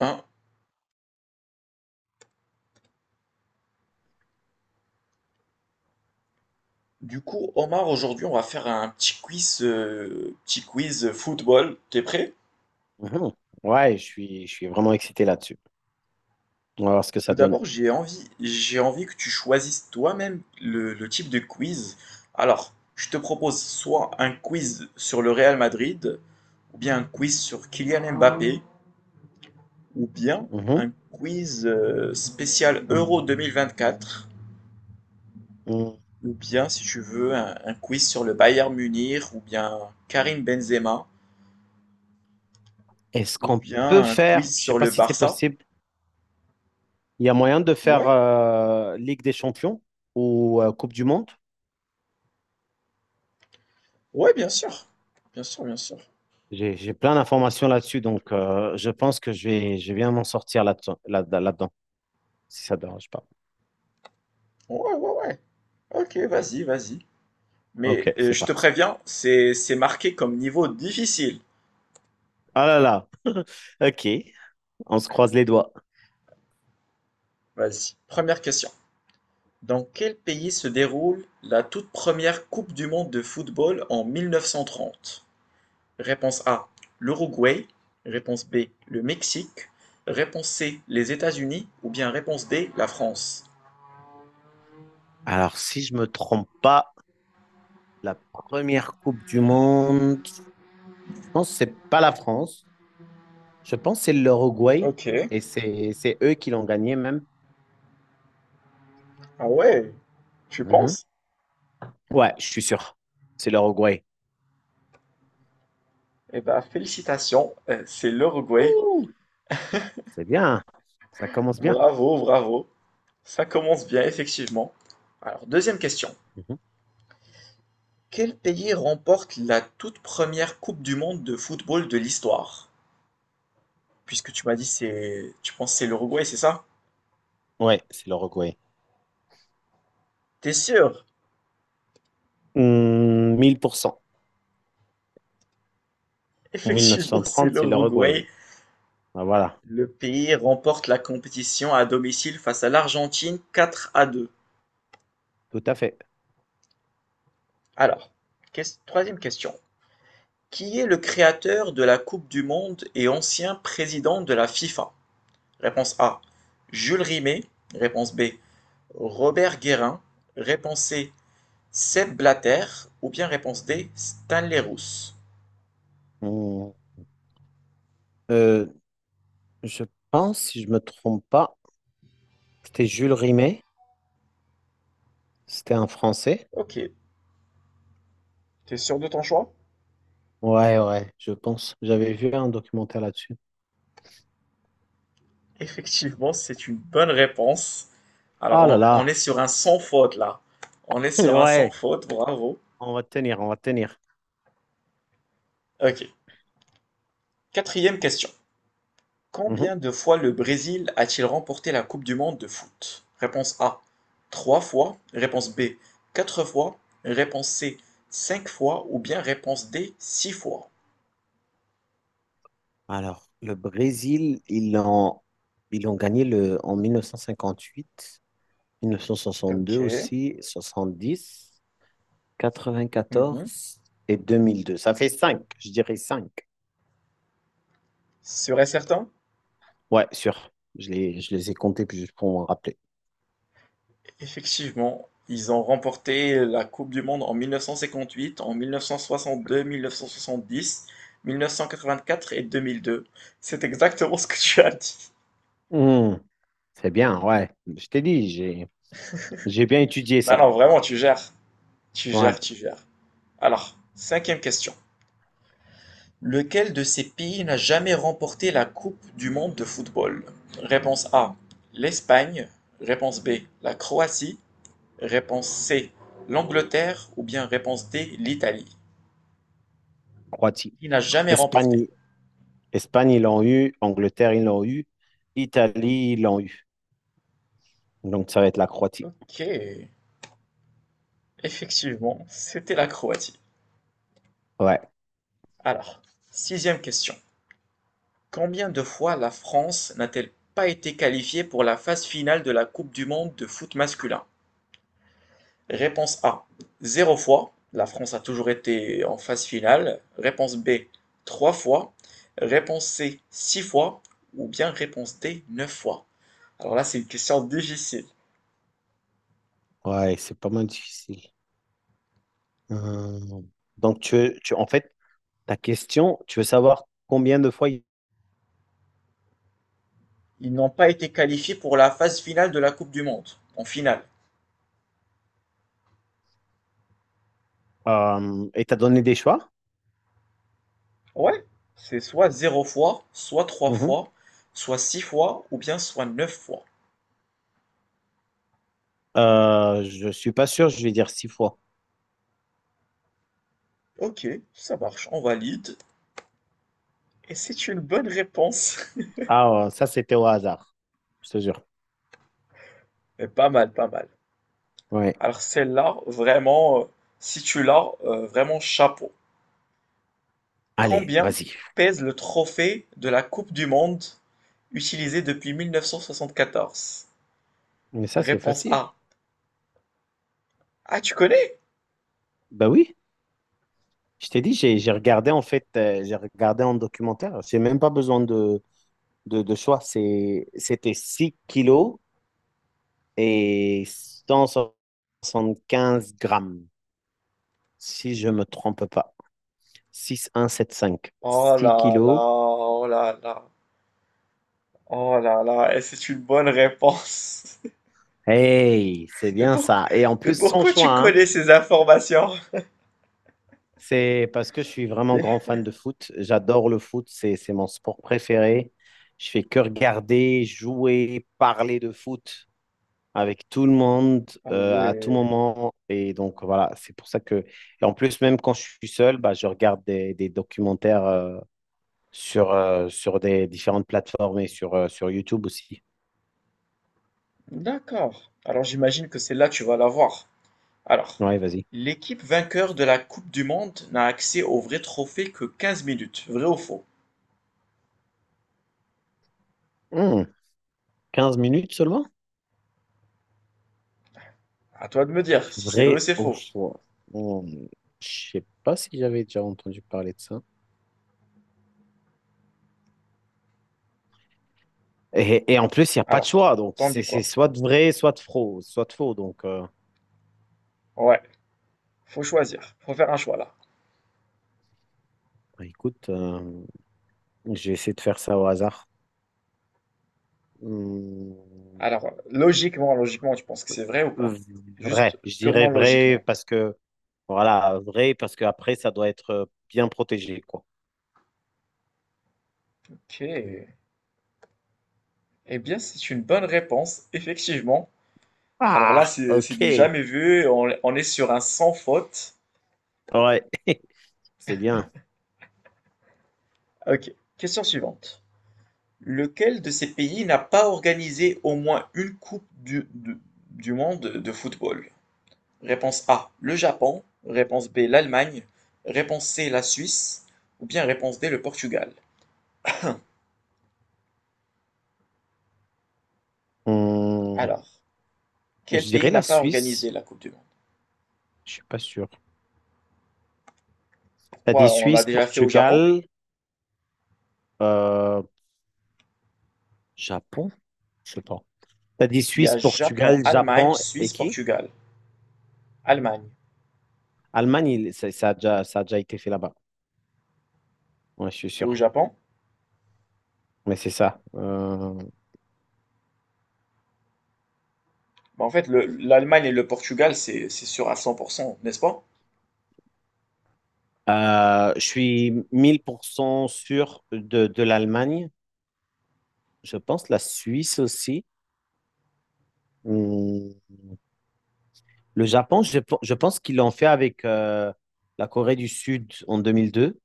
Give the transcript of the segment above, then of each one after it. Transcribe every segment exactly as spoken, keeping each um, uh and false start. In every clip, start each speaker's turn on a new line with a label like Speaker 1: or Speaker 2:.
Speaker 1: Hein, du coup, Omar, aujourd'hui, on va faire un petit quiz, euh, petit quiz football. T'es prêt?
Speaker 2: Mhm. Ouais, je suis, je suis vraiment excité là-dessus. On va voir ce que ça
Speaker 1: Tout
Speaker 2: donne.
Speaker 1: d'abord, j'ai envie, j'ai envie que tu choisisses toi-même le, le type de quiz. Alors, je te propose soit un quiz sur le Real Madrid, ou bien un quiz sur Kylian Mbappé, ou bien
Speaker 2: Mhm.
Speaker 1: un quiz euh, spécial Euro deux mille vingt-quatre,
Speaker 2: Mm.
Speaker 1: ou bien, si tu veux, un, un quiz sur le Bayern Munich, ou bien Karim Benzema,
Speaker 2: Est-ce
Speaker 1: ou
Speaker 2: qu'on peut
Speaker 1: bien un
Speaker 2: faire,
Speaker 1: quiz
Speaker 2: je sais
Speaker 1: sur
Speaker 2: pas
Speaker 1: le
Speaker 2: si c'est
Speaker 1: Barça.
Speaker 2: possible, il y a moyen de faire
Speaker 1: Ouais,
Speaker 2: euh, Ligue des Champions ou euh, Coupe du Monde?
Speaker 1: ouais, bien sûr. Bien sûr, bien sûr.
Speaker 2: J'ai, j'ai plein d'informations là-dessus, donc euh, je pense que je vais, je vais bien m'en sortir là-dedans, là, là-dedans, si ça ne dérange pas.
Speaker 1: Ouais, ouais, ouais. Ok, vas-y, vas-y. Mais
Speaker 2: Ok,
Speaker 1: euh,
Speaker 2: c'est
Speaker 1: je te
Speaker 2: parti.
Speaker 1: préviens, c'est c'est marqué comme niveau difficile.
Speaker 2: Ah là là, ok, on se croise les doigts.
Speaker 1: Vas-y. Première question. Dans quel pays se déroule la toute première Coupe du monde de football en mille neuf cent trente. Réponse A, l'Uruguay. Réponse B, le Mexique. Réponse C, les États-Unis. Ou bien réponse D, la France.
Speaker 2: Alors, si je me trompe pas, la première Coupe du Monde, je pense que c'est pas la France. Je pense que c'est l'Uruguay
Speaker 1: Ok.
Speaker 2: et c'est c'est eux qui l'ont gagné même.
Speaker 1: Ah ouais, tu
Speaker 2: Mhm.
Speaker 1: penses?
Speaker 2: Ouais, je suis sûr. C'est l'Uruguay.
Speaker 1: Eh ben, félicitations, euh, c'est l'Uruguay.
Speaker 2: Ouh, c'est bien. Ça commence bien.
Speaker 1: Bravo, bravo. Ça commence bien, effectivement. Alors, deuxième question.
Speaker 2: Mhm.
Speaker 1: Quel pays remporte la toute première Coupe du monde de football de l'histoire? Puisque tu m'as dit c'est, tu penses c'est l'Uruguay, c'est ça?
Speaker 2: Ouais, c'est l'Uruguay.
Speaker 1: T'es sûr?
Speaker 2: Hum, mille pour cent mille neuf cent
Speaker 1: Effectivement, c'est
Speaker 2: trente, c'est
Speaker 1: l'Uruguay.
Speaker 2: l'Uruguay. Ah, voilà,
Speaker 1: Le pays remporte la compétition à domicile face à l'Argentine quatre à deux.
Speaker 2: tout à fait.
Speaker 1: Alors, ques- troisième question. Qui est le créateur de la Coupe du monde et ancien président de la FIFA? Réponse A. Jules Rimet. Réponse B. Robert Guérin. Réponse C. Seb Blatter. Ou bien réponse D. Stanley Rousse.
Speaker 2: Hum. Euh, je pense, si je me trompe pas, c'était Jules Rimet. C'était un Français.
Speaker 1: Ok. T'es sûr de ton choix?
Speaker 2: Ouais, ouais, je pense. J'avais vu un documentaire là-dessus.
Speaker 1: Effectivement, c'est une bonne réponse. Alors,
Speaker 2: Ah là
Speaker 1: on, on est
Speaker 2: là.
Speaker 1: sur un sans faute là. On est sur un sans
Speaker 2: Ouais,
Speaker 1: faute, bravo.
Speaker 2: on va tenir, on va tenir.
Speaker 1: Ok. Quatrième question.
Speaker 2: Mhm.
Speaker 1: Combien de fois le Brésil a-t-il remporté la Coupe du monde de foot? Réponse A, trois fois. Réponse B, quatre fois. Réponse C, cinq fois. Ou bien réponse D, six fois.
Speaker 2: Alors, le Brésil, ils l'ont ils ont gagné le, en mille mille neuf neuf cent cinquante-huit, mille neuf cent cinquante huit soixante deux
Speaker 1: Ok.
Speaker 2: aussi, soixante dix quatre vingt
Speaker 1: Mhm.
Speaker 2: quatorze et deux mille deux. Ça fait cinq, je dirais cinq
Speaker 1: Serait certain?
Speaker 2: Ouais, sûr. Je les, je les ai comptés puis juste pour m'en rappeler.
Speaker 1: Effectivement, ils ont remporté la Coupe du monde en mille neuf cent cinquante-huit, en mille neuf cent soixante-deux, mille neuf cent soixante-dix, mille neuf cent quatre-vingt-quatre et deux mille deux. C'est exactement ce que tu as dit.
Speaker 2: Hmm, c'est bien, ouais. Je t'ai dit, j'ai, j'ai bien étudié
Speaker 1: Non,
Speaker 2: ça.
Speaker 1: non, vraiment, tu gères. Tu
Speaker 2: Ouais,
Speaker 1: gères, tu gères. Alors, cinquième question. Lequel de ces pays n'a jamais remporté la Coupe du monde de football? Réponse A: l'Espagne. Réponse B: la Croatie. Réponse C: l'Angleterre. Ou bien réponse D: l'Italie.
Speaker 2: Croatie.
Speaker 1: Il n'a jamais remporté.
Speaker 2: Espagne, Espagne, ils l'ont eu. Angleterre, ils l'ont eu. Italie, ils l'ont eu. Donc, ça va être la Croatie.
Speaker 1: Ok, effectivement, c'était la Croatie.
Speaker 2: Ouais,
Speaker 1: Alors, sixième question. Combien de fois la France n'a-t-elle pas été qualifiée pour la phase finale de la Coupe du monde de foot masculin? Réponse A, zéro fois, la France a toujours été en phase finale. Réponse B, trois fois. Réponse C, six fois. Ou bien réponse D, neuf fois. Alors là, c'est une question difficile.
Speaker 2: ouais, c'est pas mal difficile. Euh, Donc, tu, veux- tu, en fait, ta question, tu veux savoir combien de fois il-
Speaker 1: Ils n'ont pas été qualifiés pour la phase finale de la Coupe du Monde, en finale.
Speaker 2: euh, et t'as donné des choix?
Speaker 1: Ouais, c'est soit zéro fois, soit trois
Speaker 2: Mhm.
Speaker 1: fois, soit six fois, ou bien soit neuf fois.
Speaker 2: Euh, je suis pas sûr, je vais dire six fois.
Speaker 1: Ok, ça marche, on valide. Et c'est une bonne réponse.
Speaker 2: Ah, euh, ça, c'était au hasard, je te jure.
Speaker 1: Mais pas mal, pas mal.
Speaker 2: Ouais.
Speaker 1: Alors celle-là, vraiment, euh, si tu l'as, euh, vraiment chapeau.
Speaker 2: Allez,
Speaker 1: Combien
Speaker 2: vas-y.
Speaker 1: pèse le trophée de la Coupe du Monde utilisé depuis mille neuf cent soixante-quatorze?
Speaker 2: Mais ça, c'est
Speaker 1: Réponse
Speaker 2: facile.
Speaker 1: A. Ah, tu connais?
Speaker 2: Bah oui, je t'ai dit, j'ai j'ai regardé en fait, euh, j'ai regardé en documentaire. J'ai même pas besoin de, de, de choix. C'est, c'était six kilos et cent soixante quinze grammes, si je me trompe pas. six un sept cinq.
Speaker 1: Oh
Speaker 2: six
Speaker 1: là là,
Speaker 2: kilos.
Speaker 1: oh là là, oh là là, et c'est une bonne réponse.
Speaker 2: Hey, c'est
Speaker 1: Mais,
Speaker 2: bien
Speaker 1: pour-
Speaker 2: ça. Et en
Speaker 1: mais
Speaker 2: plus, sans
Speaker 1: pourquoi
Speaker 2: choix,
Speaker 1: tu
Speaker 2: hein.
Speaker 1: connais ces informations?
Speaker 2: C'est parce que je suis vraiment grand
Speaker 1: Mais-
Speaker 2: fan de foot. J'adore le foot, c'est, c'est mon sport préféré. Je fais que regarder, jouer, parler de foot avec tout le monde
Speaker 1: Ah
Speaker 2: euh, à tout
Speaker 1: ouais,
Speaker 2: moment. Et donc, voilà, c'est pour ça que. Et en plus, même quand je suis seul, bah, je regarde des, des documentaires euh, sur, euh, sur des différentes plateformes et sur, euh, sur YouTube aussi.
Speaker 1: d'accord. Alors j'imagine que celle-là, tu vas l'avoir. Alors,
Speaker 2: Ouais, vas-y.
Speaker 1: l'équipe vainqueur de la Coupe du monde n'a accès au vrai trophée que quinze minutes. Vrai ou faux?
Speaker 2: Hmm, quinze minutes seulement?
Speaker 1: À toi de me dire si c'est vrai ou
Speaker 2: Vrai
Speaker 1: c'est
Speaker 2: au
Speaker 1: faux.
Speaker 2: froid. Hmm, je sais pas si j'avais déjà entendu parler de ça. Et, et en plus, il n'y a pas de
Speaker 1: Alors,
Speaker 2: choix. Donc,
Speaker 1: t'en
Speaker 2: c'est
Speaker 1: dis
Speaker 2: c'est
Speaker 1: quoi?
Speaker 2: soit de vrai, soit de faux, soit de faux. Donc, euh,
Speaker 1: Ouais, faut choisir. Faut faire un choix là.
Speaker 2: bah, écoute, euh, je vais essayer de faire ça au hasard. Hmm,
Speaker 1: Alors, euh, logiquement, logiquement, tu penses que c'est vrai ou pas? Juste
Speaker 2: vrai. Je dirais
Speaker 1: purement
Speaker 2: vrai
Speaker 1: logiquement.
Speaker 2: parce que, voilà, vrai parce que après ça doit être euh, bien protégé, quoi.
Speaker 1: Ok. Eh bien, c'est une bonne réponse, effectivement. Alors là,
Speaker 2: Ah,
Speaker 1: c'est c'est du
Speaker 2: ok.
Speaker 1: jamais vu. On, on est sur un sans faute.
Speaker 2: Ouais, c'est bien.
Speaker 1: Ok. Question suivante. Lequel de ces pays n'a pas organisé au moins une Coupe du, du- du monde de football? Réponse A, le Japon. Réponse B, l'Allemagne. Réponse C, la Suisse. Ou bien réponse D, le Portugal.
Speaker 2: Hmm,
Speaker 1: Alors,
Speaker 2: je
Speaker 1: quel pays
Speaker 2: dirais la
Speaker 1: n'a pas organisé
Speaker 2: Suisse.
Speaker 1: la Coupe du monde?
Speaker 2: Je suis pas sûr. T'as dit
Speaker 1: Pourquoi on l'a
Speaker 2: Suisse,
Speaker 1: déjà fait au Japon?
Speaker 2: Portugal, euh, Japon? Je sais pas. T'as dit
Speaker 1: Il y
Speaker 2: Suisse,
Speaker 1: a Japon,
Speaker 2: Portugal,
Speaker 1: Allemagne,
Speaker 2: Japon et
Speaker 1: Suisse,
Speaker 2: qui?
Speaker 1: Portugal. Allemagne.
Speaker 2: Allemagne, il- ça, ça a déjà, ça a déjà été fait là-bas. Ouais, je suis
Speaker 1: Et au
Speaker 2: sûr.
Speaker 1: Japon?
Speaker 2: Mais c'est ça. Euh,
Speaker 1: Bah, en fait, le- l'Allemagne et le Portugal, c'est c'est sûr à cent pour cent, n'est-ce pas?
Speaker 2: euh, je suis mille pour cent sûr de, de l'Allemagne. Je pense la Suisse aussi. Hum, Le Japon, je, pe- je pense qu'ils l'ont fait avec euh, la Corée du Sud en deux mille deux.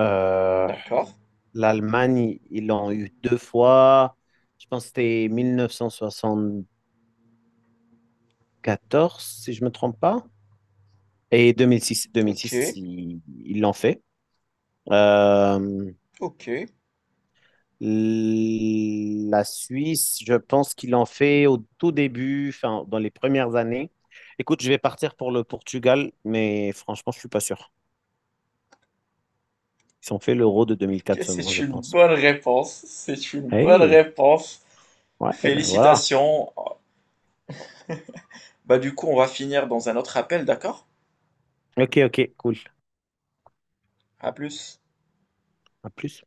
Speaker 2: Euh,
Speaker 1: D'accord.
Speaker 2: L'Allemagne, ils l'ont eu deux fois. Je pense que c'était quatorze si je ne me trompe pas. Et deux mille six
Speaker 1: Ok,
Speaker 2: deux mille six ils ils l'ont fait. Euh,
Speaker 1: ok.
Speaker 2: la Suisse, je pense qu'ils l'ont fait au tout début, enfin, dans les premières années. Écoute, je vais partir pour le Portugal, mais franchement, je suis pas sûr. Ils ont fait l'Euro de deux mille quatre seulement,
Speaker 1: C'est
Speaker 2: je
Speaker 1: une
Speaker 2: pense.
Speaker 1: bonne réponse, c'est une bonne
Speaker 2: Hey,
Speaker 1: réponse.
Speaker 2: ouais, ben voilà.
Speaker 1: Félicitations. Bah du coup, on va finir dans un autre appel, d'accord?
Speaker 2: Ok, ok, cool.
Speaker 1: À plus.
Speaker 2: À plus.